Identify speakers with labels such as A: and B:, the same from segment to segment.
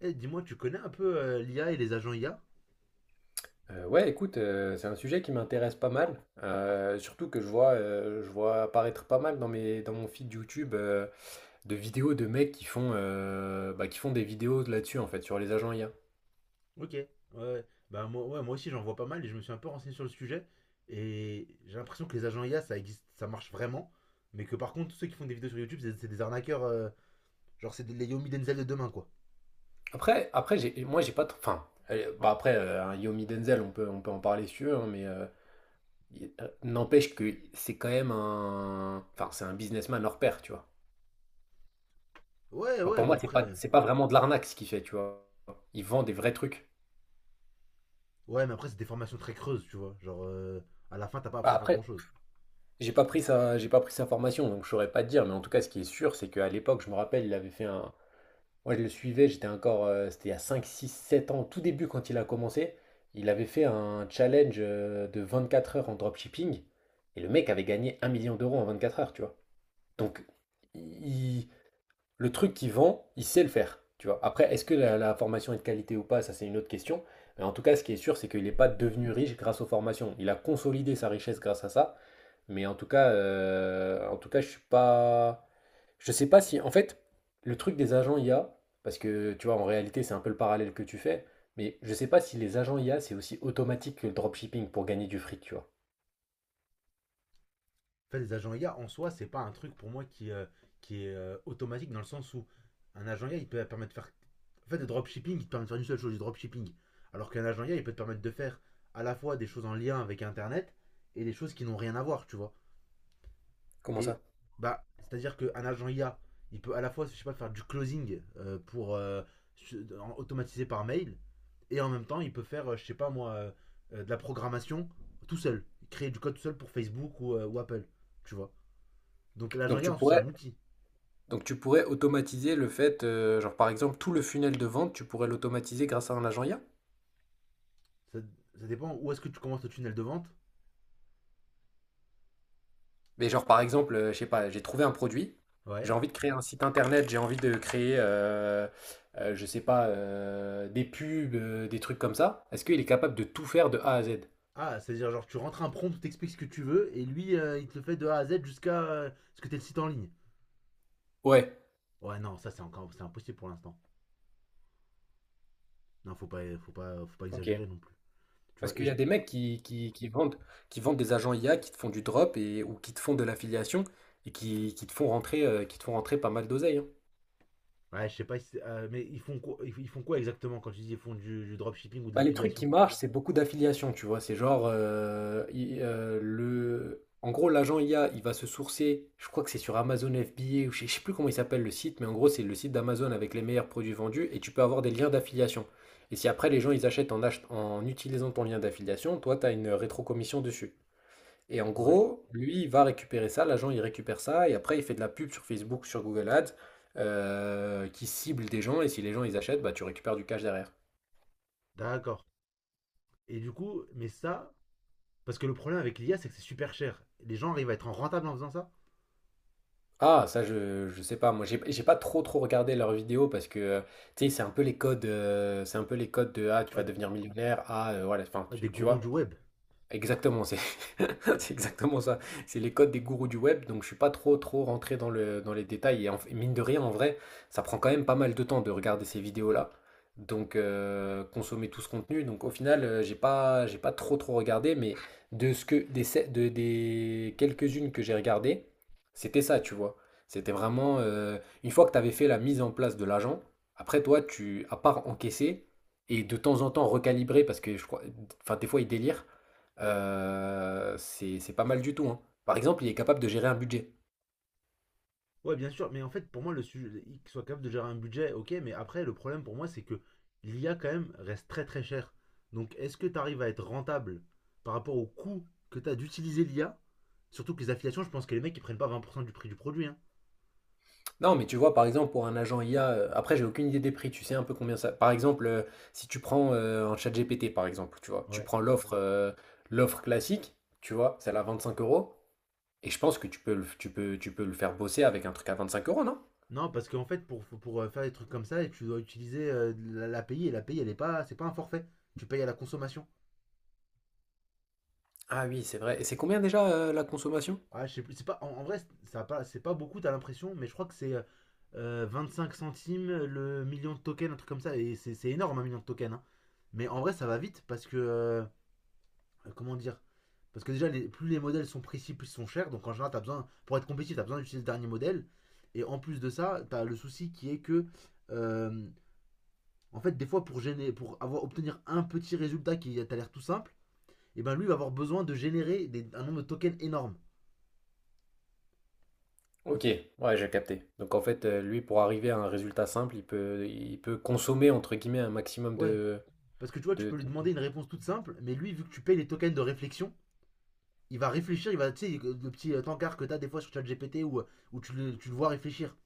A: Eh, dis-moi, tu connais un peu l'IA et les agents IA?
B: Ouais, écoute, c'est un sujet qui m'intéresse pas mal, surtout que je vois apparaître pas mal dans dans mon feed YouTube de vidéos de mecs qui font, bah, qui font des vidéos là-dessus en fait sur les agents IA.
A: Ok. Ouais. Ouais. Bah moi, ouais, moi aussi j'en vois pas mal et je me suis un peu renseigné sur le sujet. Et j'ai l'impression que les agents IA, ça existe, ça marche vraiment. Mais que par contre, tous ceux qui font des vidéos sur YouTube, c'est des arnaqueurs. Genre, les Yomi Denzel de demain, quoi.
B: Après, moi j'ai pas, enfin, bah, après, un Yomi Denzel, on peut en parler si tu veux, hein, mais n'empêche que c'est quand même un, enfin, c'est un businessman hors pair, tu vois.
A: Ouais,
B: Alors pour
A: ouais, mais
B: moi, c'est pas,
A: après.
B: c'est pas vraiment de l'arnaque ce qu'il fait, tu vois. Il vend des vrais trucs.
A: Ouais, mais après, c'est des formations très creuses, tu vois. Genre, à la fin, t'as pas appris
B: Bah,
A: à faire grand
B: après,
A: chose.
B: J'ai pas pris sa formation, donc je saurais pas te dire, mais en tout cas, ce qui est sûr, c'est qu'à l'époque, je me rappelle, il avait fait un. Moi, je le suivais, j'étais encore. C'était il y a 5, 6, 7 ans, au tout début, quand il a commencé, il avait fait un challenge de 4 heures en dropshipping, et le mec avait gagné 1 million d'euros en 24 heures, tu vois. Donc, il- le truc qu'il vend, il sait le faire, tu vois. Après, est-ce que la formation est de qualité ou pas, ça, c'est une autre question. Mais en tout cas, ce qui est sûr, c'est qu'il n'est pas devenu riche grâce aux formations. Il a consolidé sa richesse grâce à ça. Mais en tout cas, je suis pas. Je sais pas si. En fait, le truc des agents IA, parce que tu vois, en réalité, c'est un peu le parallèle que tu fais, mais je sais pas si les agents IA, c'est aussi automatique que le dropshipping pour gagner du fric, tu vois.
A: En fait, les agents IA, en soi, c'est pas un truc pour moi qui est automatique dans le sens où un agent IA, il peut permettre de faire. En fait, le dropshipping, il te permet de faire une seule chose, du dropshipping. Alors qu'un agent IA, il peut te permettre de faire à la fois des choses en lien avec Internet et des choses qui n'ont rien à voir, tu vois.
B: Comment
A: Et
B: ça?
A: bah, c'est-à-dire qu'un agent IA, il peut à la fois, je sais pas, faire du closing pour automatiser par mail, et en même temps, il peut faire, je sais pas moi, de la programmation tout seul, créer du code tout seul pour Facebook ou Apple, tu vois. Donc l'agent
B: Donc
A: IA,
B: tu
A: en c'est un
B: pourrais,
A: outil.
B: donc tu pourrais automatiser le fait, genre par exemple, tout le funnel de vente, tu pourrais l'automatiser grâce à un agent IA?
A: Ça, ça dépend où est-ce que tu commences le tunnel de vente.
B: Mais genre par exemple, je sais pas, j'ai trouvé un produit,
A: Ouais.
B: j'ai envie de créer un site internet, j'ai envie de créer, je sais pas, des pubs, des trucs comme ça. Est-ce qu'il est capable de tout faire de A à Z?
A: Ah, c'est-à-dire, genre, tu rentres un prompt, t'expliques ce que tu veux, et lui, il te le fait de A à Z jusqu'à ce que t'aies le site en ligne.
B: Ouais,
A: Ouais, non, ça, c'est impossible pour l'instant. Non, faut pas
B: ok.
A: exagérer non plus. Tu
B: Parce
A: vois, et
B: qu'il y
A: je,
B: a des mecs qui vendent des agents IA, qui te font du drop et, ou qui te font de l'affiliation et qui te font rentrer pas mal d'oseille, hein.
A: ouais, je sais pas, si mais ils font, quoi, ils font quoi exactement quand tu dis ils font du dropshipping ou de
B: Bah, les trucs
A: l'affiliation.
B: qui marchent, c'est beaucoup d'affiliations, tu vois. C'est genre, en gros, l'agent I a, il va se sourcer, je crois que c'est sur Amazon FBA, ou je sais plus comment il s'appelle le site, mais en gros, c'est le site d'Amazon avec les meilleurs produits vendus, et tu peux avoir des liens d'affiliation. Et si après, les gens, ils achètent en, en utilisant ton lien d'affiliation, toi, tu as une rétrocommission dessus. Et en
A: Ouais,
B: gros, lui, il va récupérer ça, l'agent, il récupère ça, et après, il fait de la pub sur Facebook, sur Google Ads, qui cible des gens, et si les gens, ils achètent, bah, tu récupères du cash derrière.
A: d'accord. Et du coup, mais ça, parce que le problème avec l'IA, c'est que c'est super cher. Les gens arrivent à être en rentable en faisant ça.
B: Ah, ça, je sais pas. Moi, j'ai pas trop trop regardé leurs vidéos parce que tu sais, c'est un peu les codes, de ah, tu vas
A: Ouais,
B: devenir millionnaire. Ah, voilà. Enfin,
A: ouais, des
B: tu
A: gourous
B: vois.
A: du web.
B: Exactement, c'est c'est exactement ça. C'est les codes des gourous du web, donc je suis pas trop trop rentré dans les détails. Et mine de rien, en vrai, ça prend quand même pas mal de temps de regarder ces vidéos-là. Donc consommer tout ce contenu. Donc au final, j'ai pas trop trop regardé, mais de ce que des quelques-unes que j'ai regardées, c'était ça, tu vois. C'était vraiment une fois que tu avais fait la mise en place de l'agent, après toi, tu à part encaisser et de temps en temps recalibrer parce que je crois, enfin des fois ils délirent. C'est pas mal du tout, hein. Par exemple, il est capable de gérer un budget.
A: Ouais, bien sûr, mais en fait, pour moi, le sujet, qu'il soit capable de gérer un budget, ok, mais après, le problème pour moi, c'est que l'IA, quand même, reste très très cher. Donc, est-ce que tu arrives à être rentable par rapport au coût que tu as d'utiliser l'IA? Surtout que les affiliations, je pense que les mecs, ils prennent pas 20% du prix du produit, hein.
B: Non, mais tu vois, par exemple, pour un agent IA, après j'ai aucune idée des prix, tu sais un peu combien ça par exemple, si tu prends, un ChatGPT, par exemple, tu vois? Tu
A: Ouais.
B: prends l'offre classique, tu vois? Celle à 25 € et je pense que tu peux le faire bosser avec un truc à 25 € non?
A: Non, parce qu'en fait, pour faire des trucs comme ça, tu dois utiliser l'API, et la l'API, elle est pas, c'est pas un forfait. Tu payes à la consommation.
B: Ah oui, c'est vrai et c'est combien déjà, la consommation?
A: Ah, je sais plus, c'est pas, en vrai, ça a pas, c'est pas beaucoup, t'as l'impression, mais je crois que c'est 5 centimes le million de tokens, un truc comme ça, et c'est énorme un million de tokens, hein. Mais en vrai, ça va vite parce que comment dire, parce que déjà, plus les modèles sont précis, plus ils sont chers, donc en général, t'as besoin, pour être compétitif, t'as besoin d'utiliser le dernier modèle, et en plus de ça, t'as le souci qui est que, euh, en fait, des fois, pour, gêner, pour avoir, obtenir un petit résultat qui a t'as l'air tout simple, et ben lui va avoir besoin de générer un nombre de tokens énorme.
B: OK, ouais, j'ai capté. Donc en fait, lui, pour arriver à un résultat simple, il peut «consommer» entre guillemets un maximum
A: Ouais,
B: de
A: parce que tu vois, tu
B: de
A: peux lui
B: de
A: demander une réponse toute simple, mais lui, vu que tu payes les tokens de réflexion, il va réfléchir, il va, tu sais, le petit tankard que t'as des fois sur ChatGPT où tu le vois réfléchir.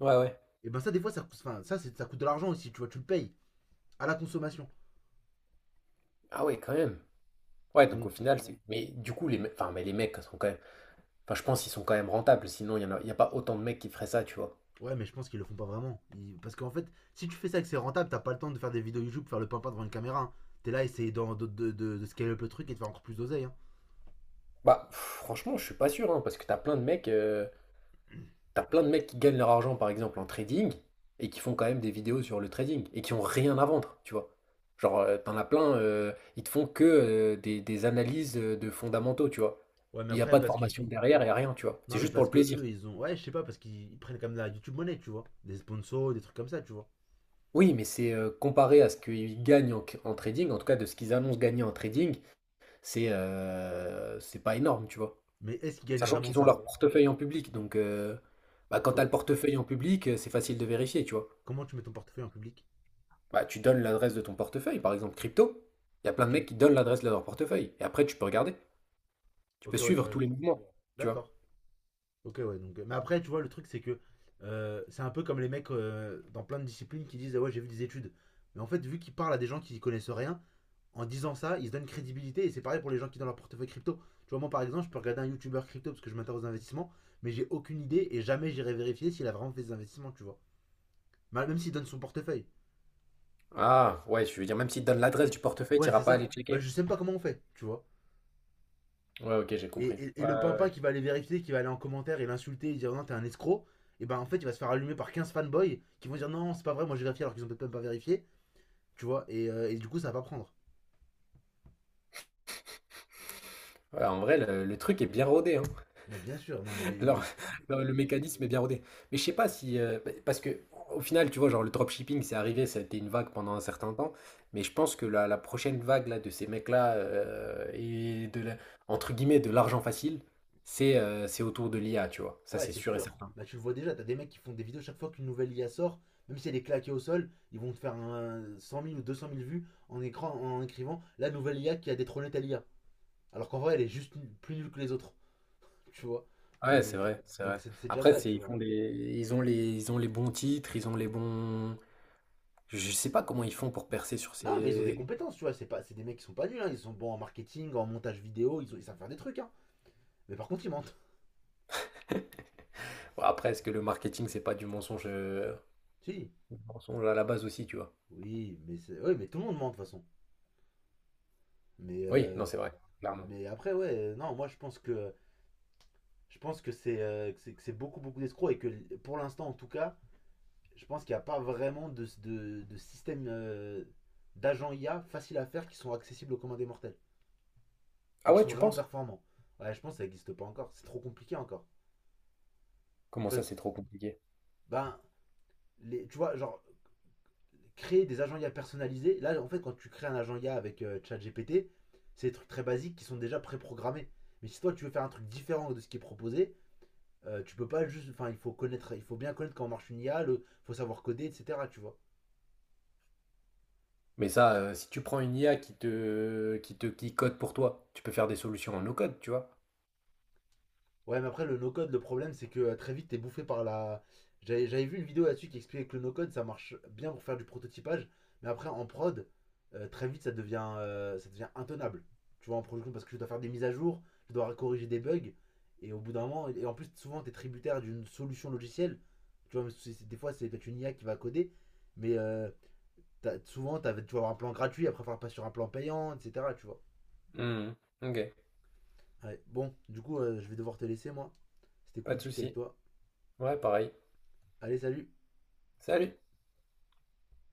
B: Ouais, ouais.
A: Et ben ça, des fois, ça, enfin, ça, ça coûte de l'argent aussi, tu vois, tu le payes à la consommation.
B: Ah ouais, quand même. Ouais, donc au
A: Donc,
B: final, c'est. Mais du coup, les mecs. Enfin, mais les mecs sont quand même. Enfin, je pense qu'ils sont quand même rentables, sinon y a pas autant de mecs qui feraient ça, tu vois.
A: ouais, mais je pense qu'ils le font pas vraiment. Parce qu'en fait, si tu fais ça et que c'est rentable, t'as pas le temps de faire des vidéos YouTube, faire le pimpin devant une caméra, hein. T'es là, essayer de scaler up le truc et de faire encore plus d'oseille, hein.
B: Bah, pff, franchement, je suis pas sûr, hein, parce que t'as plein de mecs qui gagnent leur argent, par exemple, en trading, et qui font quand même des vidéos sur le trading, et qui ont rien à vendre, tu vois. Genre, t'en as plein, ils te font que des analyses de fondamentaux, tu vois.
A: Ouais, mais
B: Il n'y a
A: après,
B: pas de
A: parce qu'ils.
B: formation derrière, il n'y a rien, tu vois.
A: Non,
B: C'est
A: mais
B: juste pour
A: parce
B: le
A: que
B: plaisir.
A: eux, ils ont. Ouais, je sais pas, parce qu'ils prennent quand même de la YouTube monnaie, tu vois. Des sponsors, des trucs comme ça, tu vois.
B: Oui, mais c'est comparé à ce qu'ils gagnent en, trading, en tout cas de ce qu'ils annoncent gagner en trading, c'est pas énorme, tu vois.
A: Mais est-ce qu'il gagne
B: Sachant
A: vraiment
B: qu'ils ont
A: ça?
B: leur portefeuille en public, bah, quand tu as le
A: Com-
B: portefeuille en public, c'est facile de vérifier, tu vois.
A: Comment tu mets ton portefeuille en public?
B: Bah, tu donnes l'adresse de ton portefeuille, par exemple crypto, il y a plein de
A: Ok.
B: mecs qui donnent l'adresse de leur portefeuille, et après tu peux regarder, tu peux
A: Ok, ouais, je te
B: suivre tous
A: regarde.
B: les mouvements, tu vois.
A: D'accord. Ok, ouais. Donc, mais après, tu vois, le truc, c'est que c'est un peu comme les mecs dans plein de disciplines qui disent: Ah ouais, j'ai vu des études. Mais en fait, vu qu'ils parlent à des gens qui y connaissent rien, en disant ça, ils se donnent crédibilité. Et c'est pareil pour les gens qui ont leur portefeuille crypto. Tu vois, moi, par exemple, je peux regarder un YouTuber crypto parce que je m'intéresse aux investissements, mais j'ai aucune idée et jamais j'irai vérifier s'il a vraiment fait des investissements, tu vois. Même s'il donne son portefeuille.
B: Ah, ouais, je veux dire, même s'ils te donnent l'adresse du portefeuille, tu
A: Ouais,
B: n'iras
A: c'est
B: pas aller
A: ça. Bah,
B: checker.
A: je sais même pas comment on fait, tu vois.
B: Ouais, ok, j'ai
A: Et,
B: compris.
A: et- et
B: Ouais,
A: le
B: ouais,
A: pimpin
B: ouais.
A: qui va aller vérifier, qui va aller en commentaire et l'insulter et dire non, t'es un escroc, et ben en fait, il va se faire allumer par 15 fanboys qui vont dire non, c'est pas vrai, moi j'ai vérifié alors qu'ils ont peut-être même pas vérifié, tu vois, et du coup, ça va pas prendre.
B: Ouais, en vrai, le truc est bien rodé, hein.
A: Mais bien sûr, non, mais
B: Alors,
A: les.
B: non, le mécanisme est bien rodé. Mais je sais pas si. Bah, parce que, au final, tu vois, genre le dropshipping, c'est arrivé, ça a été une vague pendant un certain temps. Mais je pense que la prochaine vague là, de ces mecs-là et entre guillemets, de l'argent facile, c'est autour de l'IA, tu vois. Ça,
A: Ouais,
B: c'est
A: c'est
B: sûr et
A: sûr.
B: certain.
A: Bah, tu le vois déjà, t'as des mecs qui font des vidéos chaque fois qu'une nouvelle IA sort, même si elle est claquée au sol, ils vont te faire un 100 000 ou 200 000 vues en écrivant la nouvelle IA qui a détrôné telle IA. Alors qu'en vrai, elle est juste plus nulle que les autres, tu vois.
B: Ouais, c'est
A: Mais.
B: vrai, c'est
A: Donc,
B: vrai.
A: c'est déjà
B: Après,
A: ça,
B: c'est,
A: tu
B: ils
A: vois.
B: font des, ils ont les bons titres, ils ont les bons. Je sais pas comment ils font pour
A: Bah,
B: percer sur
A: non, mais ils ont des
B: ces.
A: compétences, tu vois. C'est pas, c'est des mecs qui sont pas nuls, hein. Ils sont bons en marketing, en montage vidéo, ils savent faire des trucs, hein. Mais par contre, ils mentent.
B: Bon, après, est-ce que le marketing, c'est pas du
A: Si.
B: mensonge à la base aussi, tu vois?
A: Oui, mais oui, mais tout le monde ment de toute façon. Mais,
B: Oui, non,
A: euh,
B: c'est vrai, clairement.
A: mais après, ouais, non, moi je pense que, que c'est beaucoup, beaucoup d'escrocs et que pour l'instant, en tout cas, je pense qu'il n'y a pas vraiment de système d'agents IA facile à faire qui sont accessibles aux commandes des mortels et
B: Ah
A: qui
B: ouais,
A: sont
B: tu
A: vraiment
B: penses?
A: performants. Ouais, je pense que ça n'existe pas encore. C'est trop compliqué encore.
B: Comment
A: Tu vois,
B: ça, c'est trop compliqué?
A: ben, tu vois, genre, créer des agents IA personnalisés. Là, en fait, quand tu crées un agent IA avec ChatGPT, c'est des trucs très basiques qui sont déjà préprogrammés. Mais si toi, tu veux faire un truc différent de ce qui est proposé, tu peux pas juste. Enfin, il faut bien connaître comment marche une IA, il faut savoir coder, etc. Tu vois.
B: Mais ça, si tu prends une IA qui te, qui code pour toi, tu peux faire des solutions en no code, tu vois.
A: Ouais, mais après, le no-code, le problème, c'est que très vite, t'es bouffé par la. J'avais vu une vidéo là-dessus qui expliquait que le no-code, ça marche bien pour faire du prototypage, mais après, en prod, très vite, ça devient, intenable. Tu vois, en production, parce que tu dois faire des mises à jour, tu dois corriger des bugs, et au bout d'un moment, et en plus, souvent, t'es tributaire d'une solution logicielle. Tu vois, mais des fois, c'est peut-être une IA qui va coder, mais tu vas avoir un plan gratuit, après, faire pas sur un plan payant, etc. Tu vois.
B: Mhm. Ok,
A: Ouais, bon, du coup, je vais devoir te laisser, moi. C'était
B: pas
A: cool de
B: de
A: discuter avec
B: souci.
A: toi.
B: Ouais, pareil.
A: Allez, salut!
B: Salut.